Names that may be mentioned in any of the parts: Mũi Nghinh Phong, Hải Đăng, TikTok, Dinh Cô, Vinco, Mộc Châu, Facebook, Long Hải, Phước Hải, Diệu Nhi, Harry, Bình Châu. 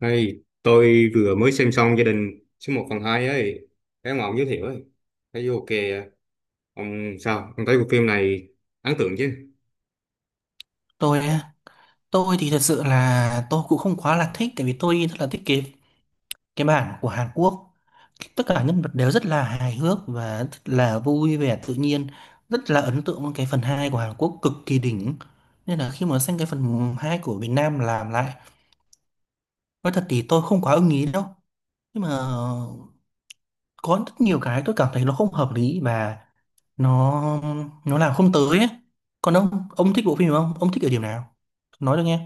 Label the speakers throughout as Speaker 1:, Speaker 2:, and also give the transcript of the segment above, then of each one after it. Speaker 1: Hey, tôi vừa mới xem xong gia đình số một phần 2 ấy, cái mà ông giới thiệu ấy, thấy vô ok à. Ông sao? Ông thấy bộ phim này ấn tượng chứ?
Speaker 2: tôi á, tôi thì thật sự là tôi cũng không quá là thích, tại vì tôi rất là thích cái bản của Hàn Quốc. Tất cả nhân vật đều rất là hài hước và rất là vui vẻ tự nhiên, rất là ấn tượng với cái phần 2 của Hàn Quốc, cực kỳ đỉnh. Nên là khi mà xem cái phần 2 của Việt Nam làm lại, nói thật thì tôi không quá ưng ý đâu. Nhưng mà có rất nhiều cái tôi cảm thấy nó không hợp lý và nó nó làm không tới ấy. Còn ông thích bộ phim này không, ông thích ở điểm nào nói được nghe.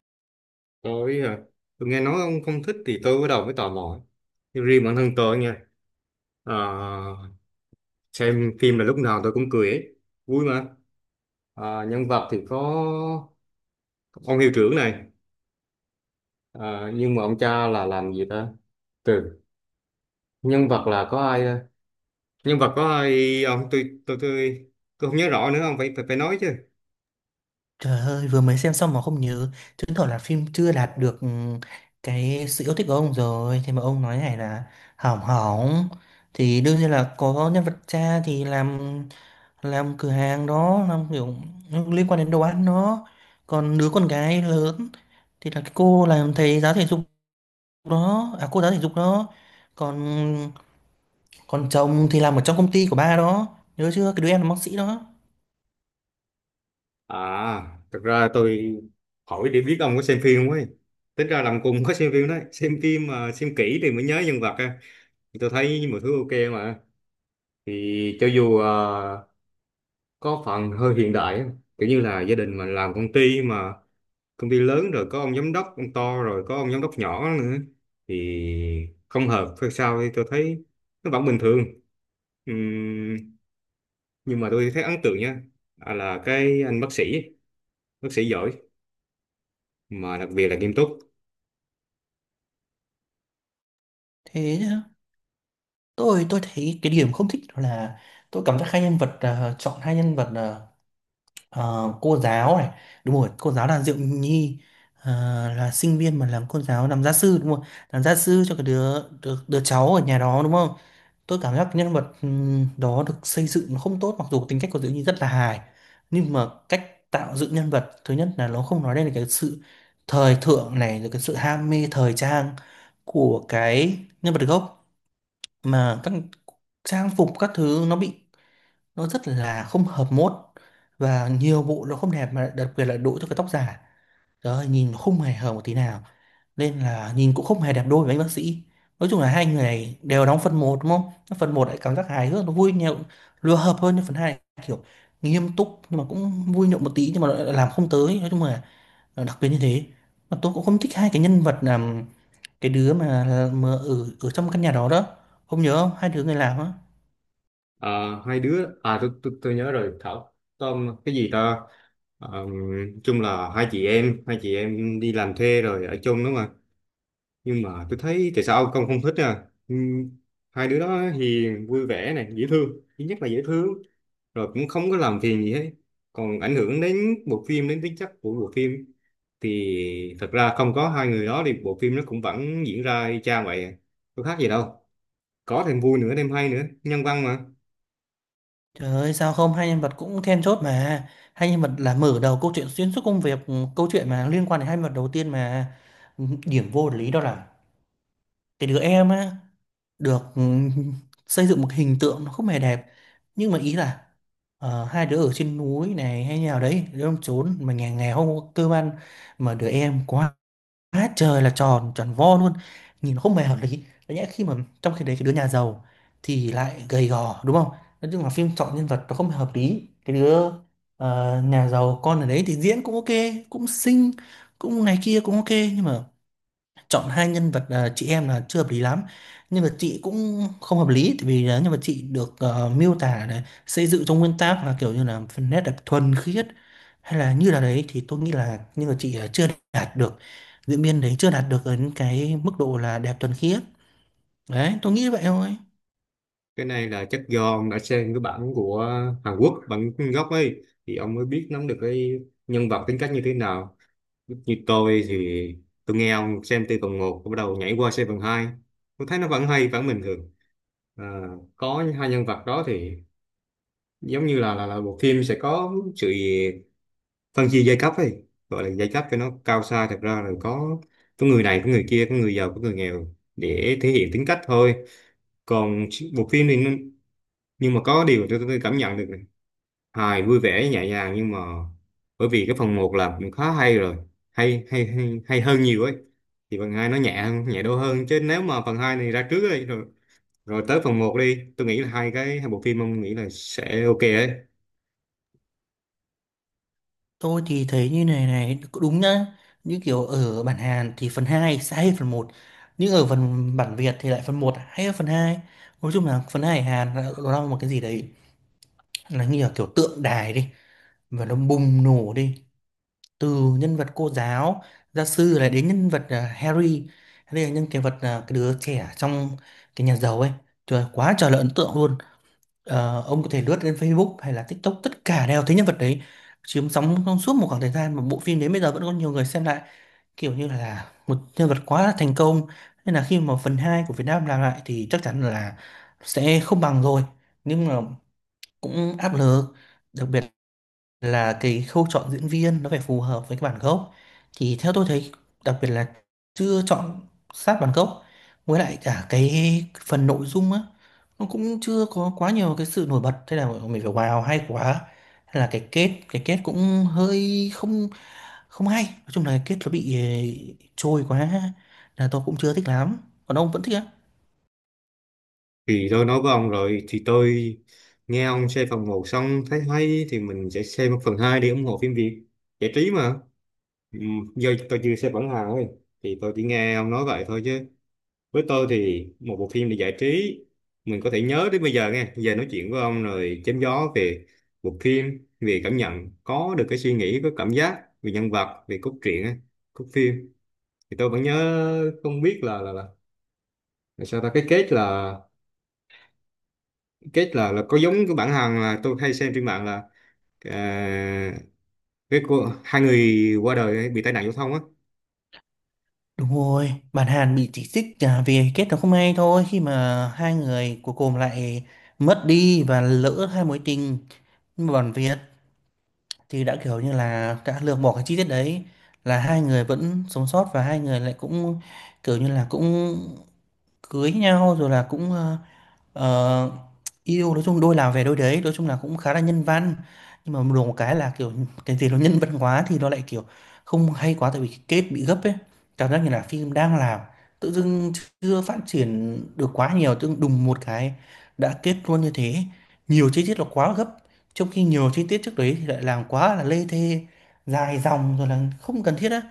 Speaker 1: Tôi, tôi nghe nói ông không thích thì tôi bắt đầu mới tò mò. Nhưng riêng bản thân tôi nha, à, xem phim là lúc nào tôi cũng cười ấy, vui mà. À, nhân vật thì có ông hiệu trưởng này, à, nhưng mà ông cha là làm gì ta? Từ nhân vật là có ai? Nhân vật có ai? Ông tôi không nhớ rõ nữa, ông phải phải phải nói chứ.
Speaker 2: Trời ơi, vừa mới xem xong mà không nhớ, chứng tỏ là phim chưa đạt được cái sự yêu thích của ông rồi. Thế mà ông nói này là hỏng hỏng, thì đương nhiên là có nhân vật cha thì làm cửa hàng đó, làm kiểu liên quan đến đồ ăn đó. Còn đứa con gái lớn thì là cái cô làm thầy giáo thể dục đó, à cô giáo thể dục đó. Còn còn chồng thì làm ở trong công ty của ba đó, nhớ chưa? Cái đứa em là bác sĩ đó.
Speaker 1: À, thật ra tôi hỏi để biết ông có xem phim không ấy. Tính ra làm cùng có xem phim đấy. Xem phim mà xem kỹ thì mới nhớ nhân vật á. Thì tôi thấy mọi thứ ok mà. Thì cho dù có phần hơi hiện đại á, kiểu như là gia đình mà làm công ty mà công ty lớn rồi có ông giám đốc, ông to rồi có ông giám đốc nhỏ nữa. Thì không hợp hay sao thì tôi thấy nó vẫn bình thường. Ừm, nhưng mà tôi thấy ấn tượng nha. À, là cái anh bác sĩ giỏi mà đặc biệt là nghiêm túc.
Speaker 2: Thế tôi thấy cái điểm không thích đó là tôi cảm giác hai nhân vật, chọn hai nhân vật là cô giáo này, đúng rồi, cô giáo là Diệu Nhi, ờ, là sinh viên mà làm cô giáo làm gia sư đúng không, làm gia sư cho cái đứa đứa, đứa cháu ở nhà đó đúng không. Tôi cảm giác nhân vật đó được xây dựng nó không tốt, mặc dù tính cách của Diệu Nhi rất là hài, nhưng mà cách tạo dựng nhân vật, thứ nhất là nó không nói lên được cái sự thời thượng này, rồi cái sự ham mê thời trang của cái nhân vật gốc, mà các trang phục các thứ nó bị, nó rất là không hợp mốt và nhiều bộ nó không đẹp, mà đặc biệt là đội cho cái tóc giả. Trời ơi, nhìn không hề hợp một tí nào, nên là nhìn cũng không hề đẹp đôi với anh bác sĩ. Nói chung là hai người này đều đóng phần một đúng không, phần một lại cảm giác hài hước nó vui nhộn, lừa hợp hơn, nhưng phần 2 kiểu nghiêm túc nhưng mà cũng vui nhộn một tí nhưng mà lại làm không tới. Nói chung là đặc biệt như thế, mà tôi cũng không thích hai cái nhân vật là cái đứa mà ở ở trong căn nhà đó đó, không nhớ không, hai đứa người làm á.
Speaker 1: Ờ, hai đứa à tôi, nhớ rồi, Thảo Tom cái gì ta. Ờ, chung là hai chị em đi làm thuê rồi ở chung đúng không ạ? Nhưng mà tôi thấy tại sao ông không thích à? Hai đứa đó hiền, vui vẻ này, dễ thương. Thứ nhất là dễ thương, rồi cũng không có làm phiền gì hết, còn ảnh hưởng đến bộ phim, đến tính chất của bộ phim thì thật ra không có hai người đó thì bộ phim nó cũng vẫn diễn ra y chang vậy à. Có khác gì đâu, có thêm vui nữa, thêm hay nữa, nhân văn mà.
Speaker 2: Trời ơi, sao không, hai nhân vật cũng then chốt mà, hai nhân vật là mở đầu câu chuyện, xuyên suốt công việc, câu chuyện mà liên quan đến hai nhân vật đầu tiên mà. Điểm vô lý đó là cái đứa em á được xây dựng một hình tượng nó không hề đẹp, nhưng mà ý là hai đứa ở trên núi này hay nhà đấy đứa ông trốn mà nhà nghèo không có cơ ăn, mà đứa em quá, quá trời là tròn tròn vo luôn, nhìn nó không hề hợp lý. Đấy nhẽ khi mà, trong khi đấy cái đứa nhà giàu thì lại gầy gò đúng không. Nói chung là phim chọn nhân vật nó không hề hợp lý. Cái đứa nhà giàu con ở đấy thì diễn cũng ok, cũng xinh, cũng này kia, cũng ok, nhưng mà chọn hai nhân vật, chị em là chưa hợp lý lắm. Nhân vật chị cũng không hợp lý, tại vì là nhân vật chị được miêu tả này xây dựng trong nguyên tác là kiểu như là phần nét đẹp thuần khiết hay là như là đấy, thì tôi nghĩ là nhân vật chị là chưa đạt được, diễn viên đấy chưa đạt được đến cái mức độ là đẹp thuần khiết. Đấy, tôi nghĩ vậy thôi.
Speaker 1: Cái này là chắc do ông đã xem cái bản của Hàn Quốc bản gốc ấy, thì ông mới biết nắm được cái nhân vật tính cách như thế nào. Như tôi thì tôi nghe ông, xem từ phần một bắt đầu nhảy qua xem phần hai, tôi thấy nó vẫn hay, vẫn bình thường. À, có hai nhân vật đó thì giống như là bộ phim sẽ có sự phân chia giai cấp ấy, gọi là giai cấp cho nó cao xa, thật ra là có người này có người kia, có người giàu có người nghèo, để thể hiện tính cách thôi. Còn bộ phim thì, nhưng mà có điều tôi cảm nhận được này, hài vui vẻ nhẹ nhàng. Nhưng mà bởi vì cái phần một là cũng khá hay rồi, hay hơn nhiều ấy, thì phần 2 nó nhẹ hơn, nhẹ đô hơn. Chứ nếu mà phần 2 này ra trước ấy, rồi rồi tới phần một đi, tôi nghĩ là hai cái, hai bộ phim ông nghĩ là sẽ ok ấy.
Speaker 2: Tôi thì thấy như này này cũng đúng nhá. Như kiểu ở bản Hàn thì phần 2 sẽ hay hơn phần một, nhưng ở phần bản Việt thì lại phần một hay hơn phần hai. Nói chung là phần 2 Hàn là- nó là một cái gì đấy, nó như là kiểu tượng đài đi và nó bùng nổ đi. Từ nhân vật cô giáo gia sư lại đến nhân vật, Harry Harry là nhân vật, cái đứa trẻ trong cái nhà giàu ấy, trời quá trời là ấn tượng luôn. Ờ, ông có thể lướt lên Facebook hay là TikTok, tất cả đều thấy nhân vật đấy chiếm sóng trong suốt một khoảng thời gian mà bộ phim đến bây giờ vẫn có nhiều người xem lại, kiểu như là một nhân vật quá là thành công. Nên là khi mà phần 2 của Việt Nam làm lại thì chắc chắn là sẽ không bằng rồi, nhưng mà cũng áp lực, đặc biệt là cái khâu chọn diễn viên nó phải phù hợp với cái bản gốc. Thì theo tôi thấy, đặc biệt là chưa chọn sát bản gốc. Với lại cả cái phần nội dung á, nó cũng chưa có quá nhiều cái sự nổi bật thế là mình phải wow hay quá, hay là cái kết, cái kết cũng hơi không không hay. Nói chung là cái kết nó bị trôi quá, là tôi cũng chưa thích lắm. Còn ông vẫn thích á?
Speaker 1: Thì tôi nói với ông rồi, thì tôi nghe ông xem phần một xong thấy hay thì mình sẽ xem phần 2 để ủng hộ phim Việt, giải trí mà. Ừ, giờ tôi chưa xem bản hàng ấy, thì tôi chỉ nghe ông nói vậy thôi chứ. Với tôi thì một bộ phim để giải trí, mình có thể nhớ đến bây giờ, nghe giờ nói chuyện với ông rồi chém gió về bộ phim, về cảm nhận, có được cái suy nghĩ, có cảm giác về nhân vật, về cốt truyện á, cốt phim, thì tôi vẫn nhớ. Không biết là sao ta, cái kết là, kết là có giống cái bản Hàn là tôi hay xem trên mạng là, à, cái cô hai người qua đời bị tai nạn giao thông á.
Speaker 2: Đúng rồi, bạn Hàn bị chỉ trích, vì kết nó không hay thôi, khi mà hai người cuối cùng lại mất đi và lỡ hai mối tình. Nhưng mà bản Việt thì đã kiểu như là đã lược bỏ cái chi tiết đấy, là hai người vẫn sống sót và hai người lại cũng kiểu như là cũng cưới nhau rồi là cũng Ờ, yêu. Nói chung đôi nào về đôi đấy, nói chung là cũng khá là nhân văn, nhưng mà được một cái là kiểu cái gì nó nhân văn quá thì nó lại kiểu không hay quá, tại vì cái kết bị gấp ấy. Cảm giác như là phim đang làm, tự dưng chưa phát triển được quá nhiều, tự dưng đùng một cái đã kết luôn như thế. Nhiều chi tiết là quá gấp, trong khi nhiều chi tiết trước đấy thì lại làm quá là lê thê, dài dòng rồi là không cần thiết á.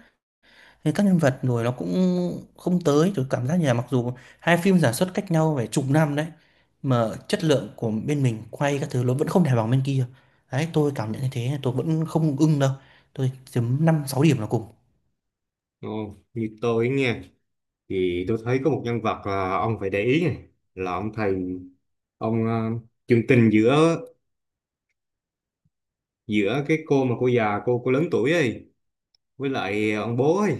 Speaker 2: Thế các nhân vật rồi nó cũng không tới, tôi cảm giác như là mặc dù hai phim sản xuất cách nhau phải chục năm đấy mà chất lượng của bên mình quay các thứ nó vẫn không thể bằng bên kia. Đấy tôi cảm nhận như thế, tôi vẫn không ưng đâu, tôi chấm năm sáu điểm là cùng.
Speaker 1: Ồ, như tôi nghe thì tôi thấy có một nhân vật, à, ông phải để ý này, là ông thầy, ông à, chương tình giữa, giữa cái cô mà cô già, cô lớn tuổi ấy, với lại ông bố ấy,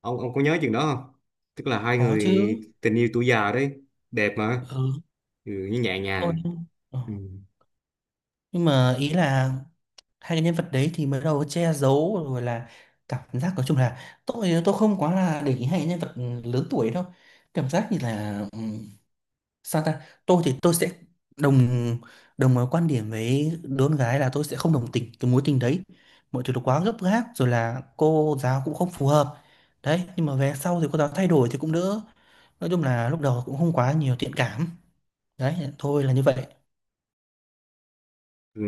Speaker 1: ông có nhớ chừng đó không, tức là hai
Speaker 2: Có
Speaker 1: người
Speaker 2: chứ.
Speaker 1: tình yêu tuổi già đấy, đẹp mà.
Speaker 2: Ừ,
Speaker 1: Ừ, như nhẹ
Speaker 2: tôi.
Speaker 1: nhàng.
Speaker 2: Ừ.
Speaker 1: Ừ.
Speaker 2: Nhưng mà ý là hai cái nhân vật đấy thì mới đầu che giấu rồi là, cảm giác nói chung là tôi không quá là để ý hai cái nhân vật lớn tuổi đâu. Cảm giác như là sao ta, tôi thì tôi sẽ đồng đồng quan điểm với đứa con gái là tôi sẽ không đồng tình cái mối tình đấy. Mọi thứ nó quá gấp gáp rồi là cô giáo cũng không phù hợp đấy, nhưng mà về sau thì cô giáo thay đổi thì cũng đỡ. Nói chung là lúc đầu cũng không quá nhiều thiện cảm đấy thôi, là như vậy.
Speaker 1: Ừ.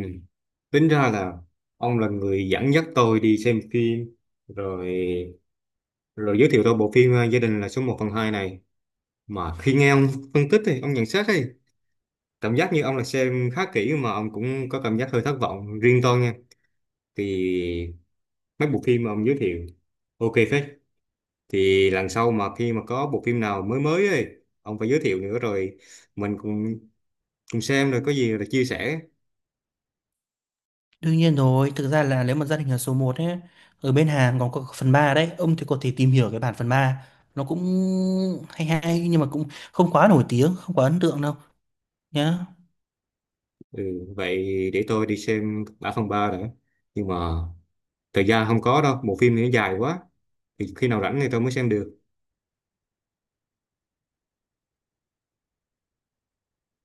Speaker 1: Tính ra là ông là người dẫn dắt tôi đi xem phim, rồi rồi giới thiệu tôi bộ phim à, gia đình là số một phần 2 này. Mà khi nghe ông phân tích thì ông nhận xét ấy, cảm giác như ông là xem khá kỹ mà ông cũng có cảm giác hơi thất vọng. Riêng tôi nha, thì mấy bộ phim mà ông giới thiệu ok phết, thì lần sau mà khi mà có bộ phim nào mới mới ấy, ông phải giới thiệu nữa rồi mình cùng cùng xem, rồi có gì là chia sẻ.
Speaker 2: Đương nhiên rồi, thực ra là nếu mà gia đình là số một ấy, ở bên Hàn còn có phần 3 đấy, ông thì có thể tìm hiểu cái bản phần ba, nó cũng hay hay nhưng mà cũng không quá nổi tiếng, không quá ấn tượng đâu nhá.
Speaker 1: Ừ, vậy để tôi đi xem đã, phần 3 đã. Nhưng mà thời gian không có đâu, bộ phim thì nó dài quá, thì khi nào rảnh thì tôi mới xem được.